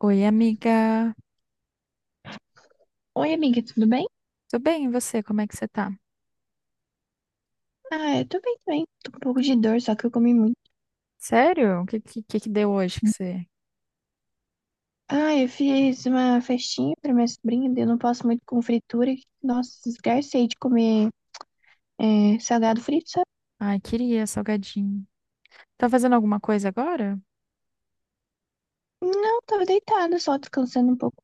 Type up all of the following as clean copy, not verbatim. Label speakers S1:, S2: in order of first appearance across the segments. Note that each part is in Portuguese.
S1: Oi, amiga.
S2: Oi, amiga, tudo bem?
S1: Tudo bem, e você? Como é que você tá?
S2: Ah, eu tô bem também. Tô com um pouco de dor, só que eu comi muito.
S1: Sério? O que que deu hoje que você...
S2: Ah, eu fiz uma festinha pra minha sobrinha, daí eu não posso muito com fritura. Nossa, esgarcei de comer é, salgado frito, sabe?
S1: Ai, queria salgadinho. Tá fazendo alguma coisa agora?
S2: Não, tava deitada, só descansando um pouco.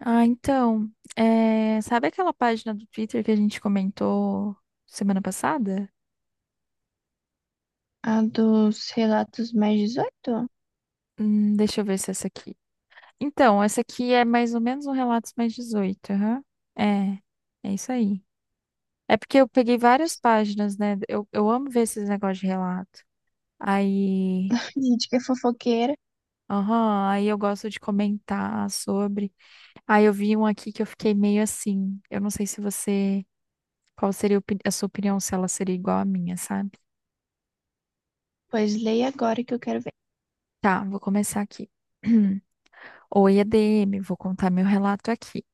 S1: Ah, então, é, sabe aquela página do Twitter que a gente comentou semana passada?
S2: Ah, dos relatos mais 18?
S1: Deixa eu ver se é essa aqui. Então, essa aqui é mais ou menos um Relatos Mais 18, aham. É, é isso aí. É porque eu peguei várias páginas, né? Eu amo ver esses negócios de relato. Aí
S2: Gente, que é fofoqueira.
S1: Aham, aí eu gosto de comentar sobre. Ah, eu vi um aqui que eu fiquei meio assim. Eu não sei se você. Qual seria a sua opinião, se ela seria igual à minha, sabe?
S2: Pois leia agora que eu quero ver.
S1: Tá, vou começar aqui. Oi, EDM, vou contar meu relato aqui.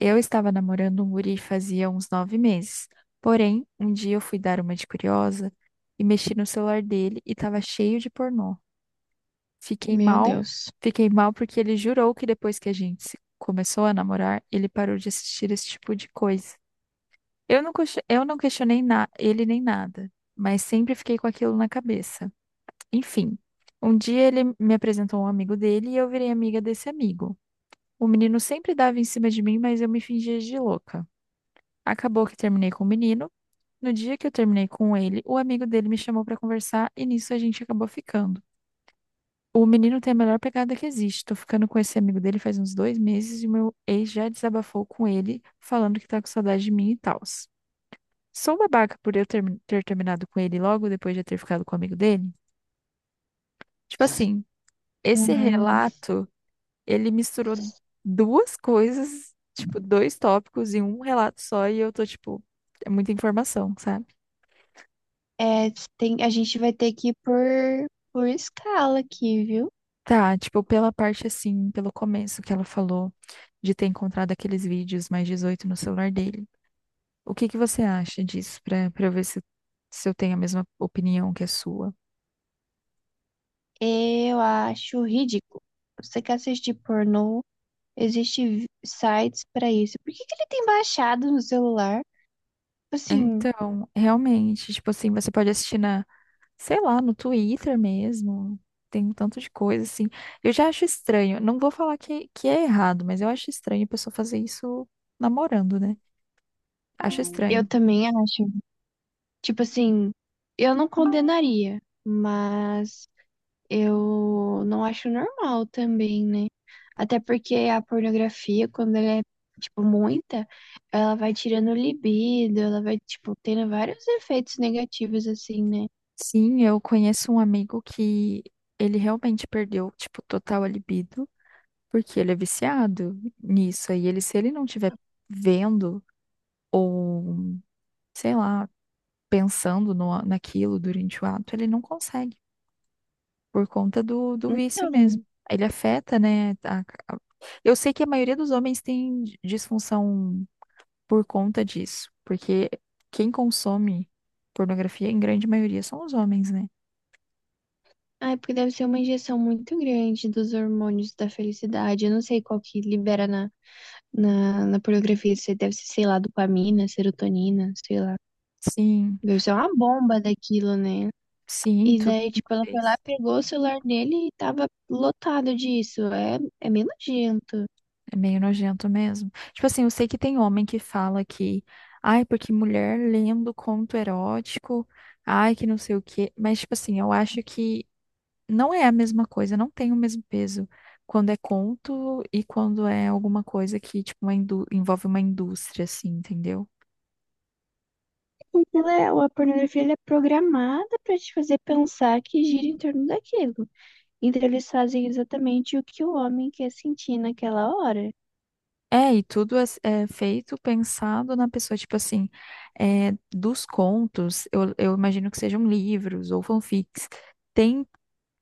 S1: Eu estava namorando um guri fazia uns 9 meses. Porém, um dia eu fui dar uma de curiosa e mexi no celular dele e tava cheio de pornô. Fiquei
S2: Meu
S1: mal,
S2: Deus.
S1: fiquei mal porque ele jurou que depois que a gente se- começou a namorar, ele parou de assistir esse tipo de coisa. Eu não questionei ele nem nada, mas sempre fiquei com aquilo na cabeça. Enfim, um dia ele me apresentou um amigo dele e eu virei amiga desse amigo. O menino sempre dava em cima de mim, mas eu me fingia de louca. Acabou que terminei com o menino. No dia que eu terminei com ele, o amigo dele me chamou pra conversar e nisso a gente acabou ficando. O menino tem a melhor pegada que existe. Tô ficando com esse amigo dele faz uns 2 meses e meu ex já desabafou com ele, falando que tá com saudade de mim e tals. Sou babaca por eu ter terminado com ele logo depois de eu ter ficado com o amigo dele? Tipo assim, esse
S2: Hum,
S1: relato, ele misturou duas coisas, tipo, dois tópicos em um relato só e eu tô, tipo, é muita informação, sabe?
S2: é, tem, a gente vai ter que ir por escala aqui, viu?
S1: Tá, tipo, pela parte assim, pelo começo que ela falou de ter encontrado aqueles vídeos mais 18 no celular dele. O que que você acha disso para ver se, se eu tenho a mesma opinião que a sua?
S2: Eu acho ridículo. Você quer assistir pornô? Existem sites pra isso. Por que que ele tem baixado no celular? Tipo assim,
S1: Então, realmente, tipo assim, você pode assistir sei lá, no Twitter mesmo. Tem um tanto de coisa assim. Eu já acho estranho. Não vou falar que é errado, mas eu acho estranho a pessoa fazer isso namorando, né? Acho
S2: eu
S1: estranho.
S2: também acho. Tipo assim, eu não condenaria, mas eu não acho normal também, né? Até porque a pornografia, quando ela é, tipo, muita, ela vai tirando o libido, ela vai, tipo, tendo vários efeitos negativos, assim, né?
S1: Sim, eu conheço um amigo que ele realmente perdeu, tipo, total a libido, porque ele é viciado nisso. Aí ele, se ele não tiver vendo ou sei lá, pensando no, naquilo durante o ato, ele não consegue, por conta do vício
S2: Então.
S1: mesmo. Ele afeta, né? Eu sei que a maioria dos homens tem disfunção por conta disso, porque quem consome pornografia, em grande maioria, são os homens, né?
S2: Ah, é porque deve ser uma injeção muito grande dos hormônios da felicidade. Eu não sei qual que libera na, na pornografia. Se deve ser, sei lá, dopamina, serotonina, sei lá.
S1: Sim,
S2: Deve ser uma bomba daquilo, né?
S1: sim,
S2: E
S1: tudo
S2: daí,
S1: de uma
S2: tipo, ela foi lá,
S1: vez.
S2: pegou o celular dele e tava lotado disso. É meio nojento.
S1: É meio nojento mesmo. Tipo assim, eu sei que tem homem que fala que, ai, porque mulher lendo conto erótico, ai, que não sei o quê. Mas, tipo assim, eu acho que não é a mesma coisa, não tem o mesmo peso quando é conto e quando é alguma coisa que, tipo, envolve uma indústria, assim, entendeu?
S2: Porque ela, a pornografia ela é programada pra te fazer pensar que gira em torno daquilo. Então eles fazem exatamente o que o homem quer sentir naquela hora.
S1: É, e tudo é feito pensado na pessoa, tipo assim, é, dos contos, eu imagino que sejam livros ou fanfics, tem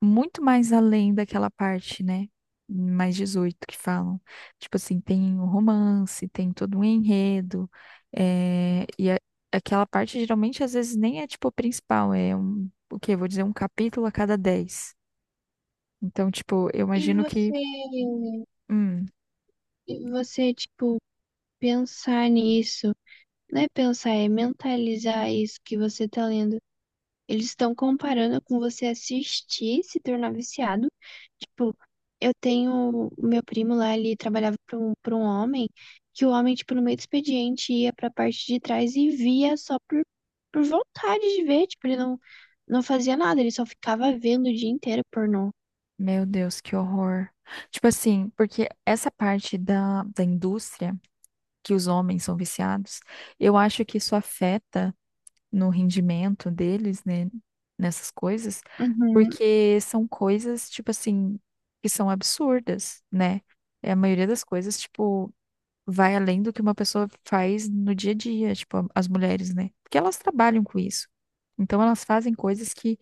S1: muito mais além daquela parte, né? Mais 18 que falam. Tipo assim, tem o romance, tem todo um enredo. eh, e a- aquela parte geralmente às vezes nem é tipo a principal, é um, o quê? Vou dizer um capítulo a cada 10. Então, tipo, eu
S2: E
S1: imagino que,
S2: você.
S1: hum,
S2: E você, tipo, pensar nisso, não é pensar, é mentalizar isso que você tá lendo. Eles estão comparando com você assistir, se tornar viciado. Tipo, eu tenho o meu primo lá, ele trabalhava para um homem, que o homem, tipo, no meio do expediente ia pra parte de trás e via só por vontade de ver. Tipo, ele não fazia nada, ele só ficava vendo o dia inteiro pornô.
S1: meu Deus, que horror. Tipo assim, porque essa parte da indústria que os homens são viciados, eu acho que isso afeta no rendimento deles, né, nessas coisas,
S2: Uhum,
S1: porque são coisas, tipo assim, que são absurdas, né? É, a maioria das coisas, tipo, vai além do que uma pessoa faz no dia a dia, tipo, as mulheres, né? Porque elas trabalham com isso. Então, elas fazem coisas que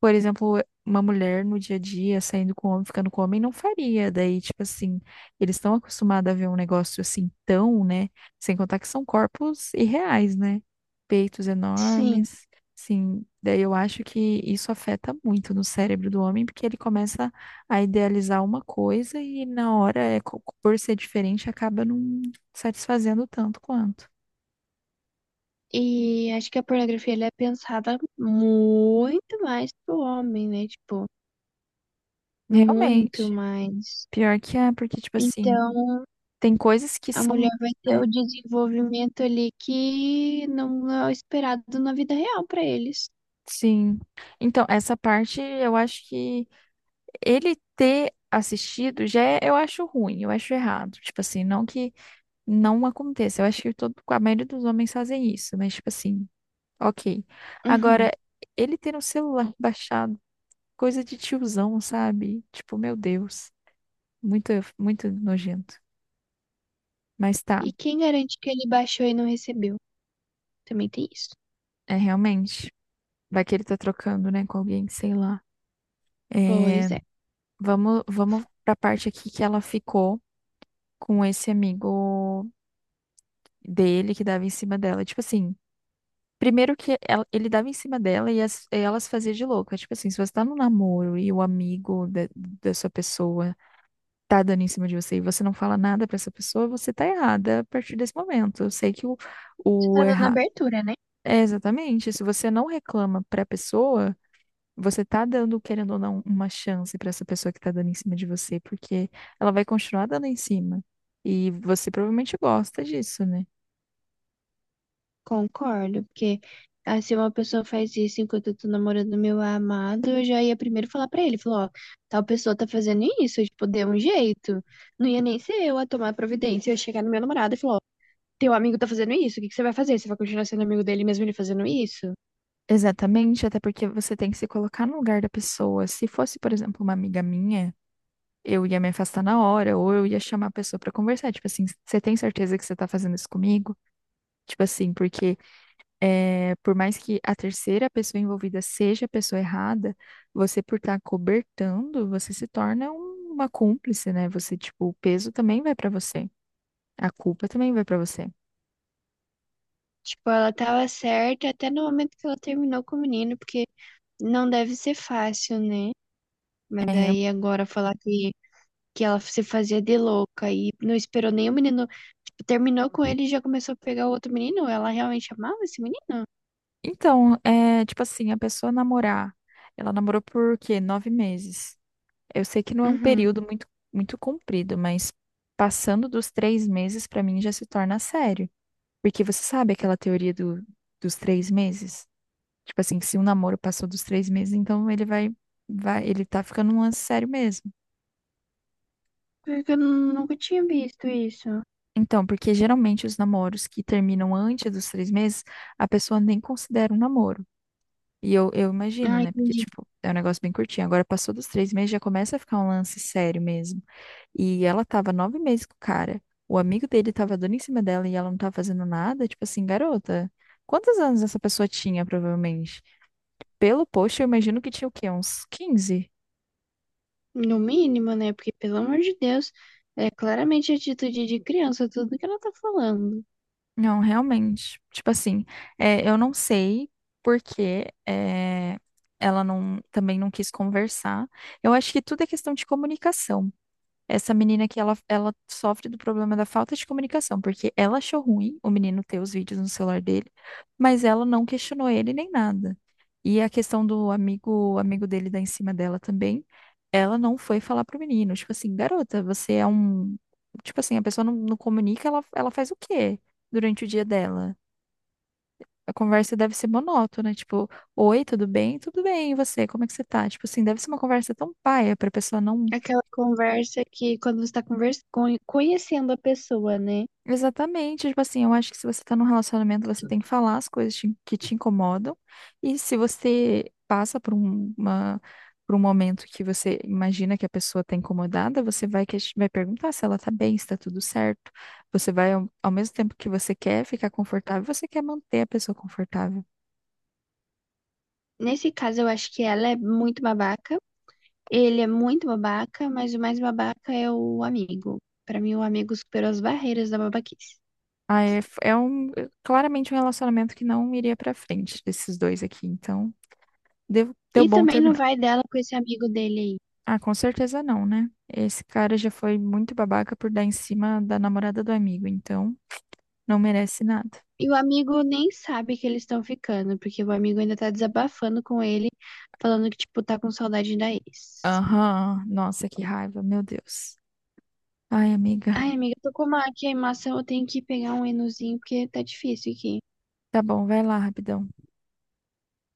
S1: por exemplo, uma mulher no dia a dia saindo com o homem, ficando com o homem, não faria. Daí, tipo assim, eles estão acostumados a ver um negócio assim tão, né? Sem contar que são corpos irreais, né? Peitos
S2: sim.
S1: enormes, sim. Daí eu acho que isso afeta muito no cérebro do homem, porque ele começa a idealizar uma coisa e na hora, por ser diferente, acaba não satisfazendo tanto quanto.
S2: E acho que a pornografia ela é pensada muito mais pro homem, né? Tipo, muito
S1: Realmente.
S2: mais.
S1: Pior que é, porque, tipo assim,
S2: Então,
S1: tem coisas que
S2: a
S1: são.
S2: mulher vai ter o
S1: Né,
S2: desenvolvimento ali que não é o esperado na vida real pra eles.
S1: Sim. Então, essa parte eu acho que ele ter assistido já eu acho ruim, eu acho errado. Tipo assim, não que não aconteça. Eu acho que todo, a maioria dos homens fazem isso, mas tipo assim, ok.
S2: Uhum.
S1: Agora, ele ter um celular baixado, coisa de tiozão, sabe? Tipo, meu Deus, muito, muito nojento. Mas tá,
S2: E quem garante que ele baixou e não recebeu? Também tem isso.
S1: é realmente. Vai que ele tá trocando, né, com alguém, sei lá. É,
S2: Pois é.
S1: vamos, pra parte aqui que ela ficou com esse amigo dele que dava em cima dela. Tipo assim, primeiro que ele dava em cima dela e elas faziam de louca. Tipo assim, se você tá num namoro e o amigo da sua pessoa tá dando em cima de você e você não fala nada pra essa pessoa, você tá errada a partir desse momento. Eu sei que
S2: Você
S1: o
S2: tá dando
S1: errar.
S2: abertura, né?
S1: É exatamente. Se você não reclama pra pessoa. Você tá dando, querendo ou não, uma chance pra essa pessoa que tá dando em cima de você, porque ela vai continuar dando em cima. E você provavelmente gosta disso, né?
S2: Concordo, porque ah, se uma pessoa faz isso enquanto eu tô namorando meu amado, eu já ia primeiro falar pra ele, falou, ó, tal pessoa tá fazendo isso, tipo, dê um jeito. Não ia nem ser eu a tomar providência, eu ia chegar no meu namorado e falar, ó, teu amigo tá fazendo isso, o que que você vai fazer? Você vai continuar sendo amigo dele mesmo ele fazendo isso?
S1: Exatamente, até porque você tem que se colocar no lugar da pessoa. Se fosse, por exemplo, uma amiga minha, eu ia me afastar na hora, ou eu ia chamar a pessoa pra conversar. Tipo assim, você tem certeza que você tá fazendo isso comigo? Tipo assim, porque é, por mais que a terceira pessoa envolvida seja a pessoa errada, você por estar cobertando, você se torna uma cúmplice, né? Você, tipo, o peso também vai pra você. A culpa também vai pra você.
S2: Tipo, ela tava certa até no momento que ela terminou com o menino, porque não deve ser fácil, né? Mas
S1: É, real-
S2: daí agora falar que ela se fazia de louca e não esperou nem o menino, tipo, terminou com ele e já começou a pegar o outro menino. Ela realmente amava esse menino?
S1: então, é, tipo assim, a pessoa namorar, ela namorou por quê? Nove meses. Eu sei que não é um
S2: Uhum.
S1: período muito, muito comprido, mas passando dos 3 meses, pra mim já se torna sério. Porque você sabe aquela teoria dos 3 meses? Tipo assim, que se um namoro passou dos 3 meses, então ele vai, ele tá ficando um lance sério mesmo.
S2: Porque eu nunca tinha visto isso.
S1: Então, porque geralmente os namoros que terminam antes dos 3 meses, a pessoa nem considera um namoro. E eu imagino,
S2: Ah,
S1: né? Porque,
S2: entendi.
S1: tipo, é um negócio bem curtinho. Agora passou dos 3 meses, já começa a ficar um lance sério mesmo. E ela tava 9 meses com o cara. O amigo dele tava dando em cima dela e ela não tava fazendo nada. Tipo assim, garota, quantos anos essa pessoa tinha, provavelmente? Pelo post, eu imagino que tinha o quê? Uns 15.
S2: No mínimo, né? Porque, pelo amor de Deus, é claramente atitude de criança, tudo que ela tá falando.
S1: Não, realmente. Tipo assim, é, eu não sei porque é, ela não, também não quis conversar. Eu acho que tudo é questão de comunicação. Essa menina que ela sofre do problema da falta de comunicação, porque ela achou ruim o menino ter os vídeos no celular dele, mas ela não questionou ele nem nada. E a questão do amigo, dele dar em cima dela também, ela não foi falar pro menino, tipo assim, garota, você é um, tipo assim, a pessoa não comunica, ela faz o quê durante o dia dela? A conversa deve ser monótona, tipo, oi, tudo bem? Tudo bem, e você? Como é que você tá? Tipo assim, deve ser uma conversa tão paia pra pessoa não.
S2: Aquela conversa que quando você tá conhecendo a pessoa, né?
S1: Exatamente, tipo assim, eu acho que se você tá num relacionamento, você tem que falar as coisas que te incomodam. E se você passa por por um momento que você imagina que a pessoa tá incomodada, você vai perguntar se ela tá bem, se tá tudo certo. Você vai, ao mesmo tempo que você quer ficar confortável, você quer manter a pessoa confortável.
S2: Nesse caso, eu acho que ela é muito babaca. Ele é muito babaca, mas o mais babaca é o amigo. Pra mim, o amigo superou as barreiras da babaquice.
S1: É claramente um relacionamento que não iria pra frente desses dois aqui, então deu
S2: E
S1: bom
S2: também não
S1: terminar.
S2: vai dela com esse amigo dele aí.
S1: Ah, com certeza não, né? Esse cara já foi muito babaca por dar em cima da namorada do amigo, então não merece nada.
S2: E o amigo nem sabe que eles estão ficando, porque o amigo ainda tá desabafando com ele, falando que, tipo, tá com saudade da ex.
S1: Aham, nossa, que raiva, meu Deus. Ai, amiga.
S2: Ai, amiga, tô com uma queimação, eu tenho que pegar um enozinho, porque tá difícil aqui.
S1: Tá bom, vai lá, rapidão.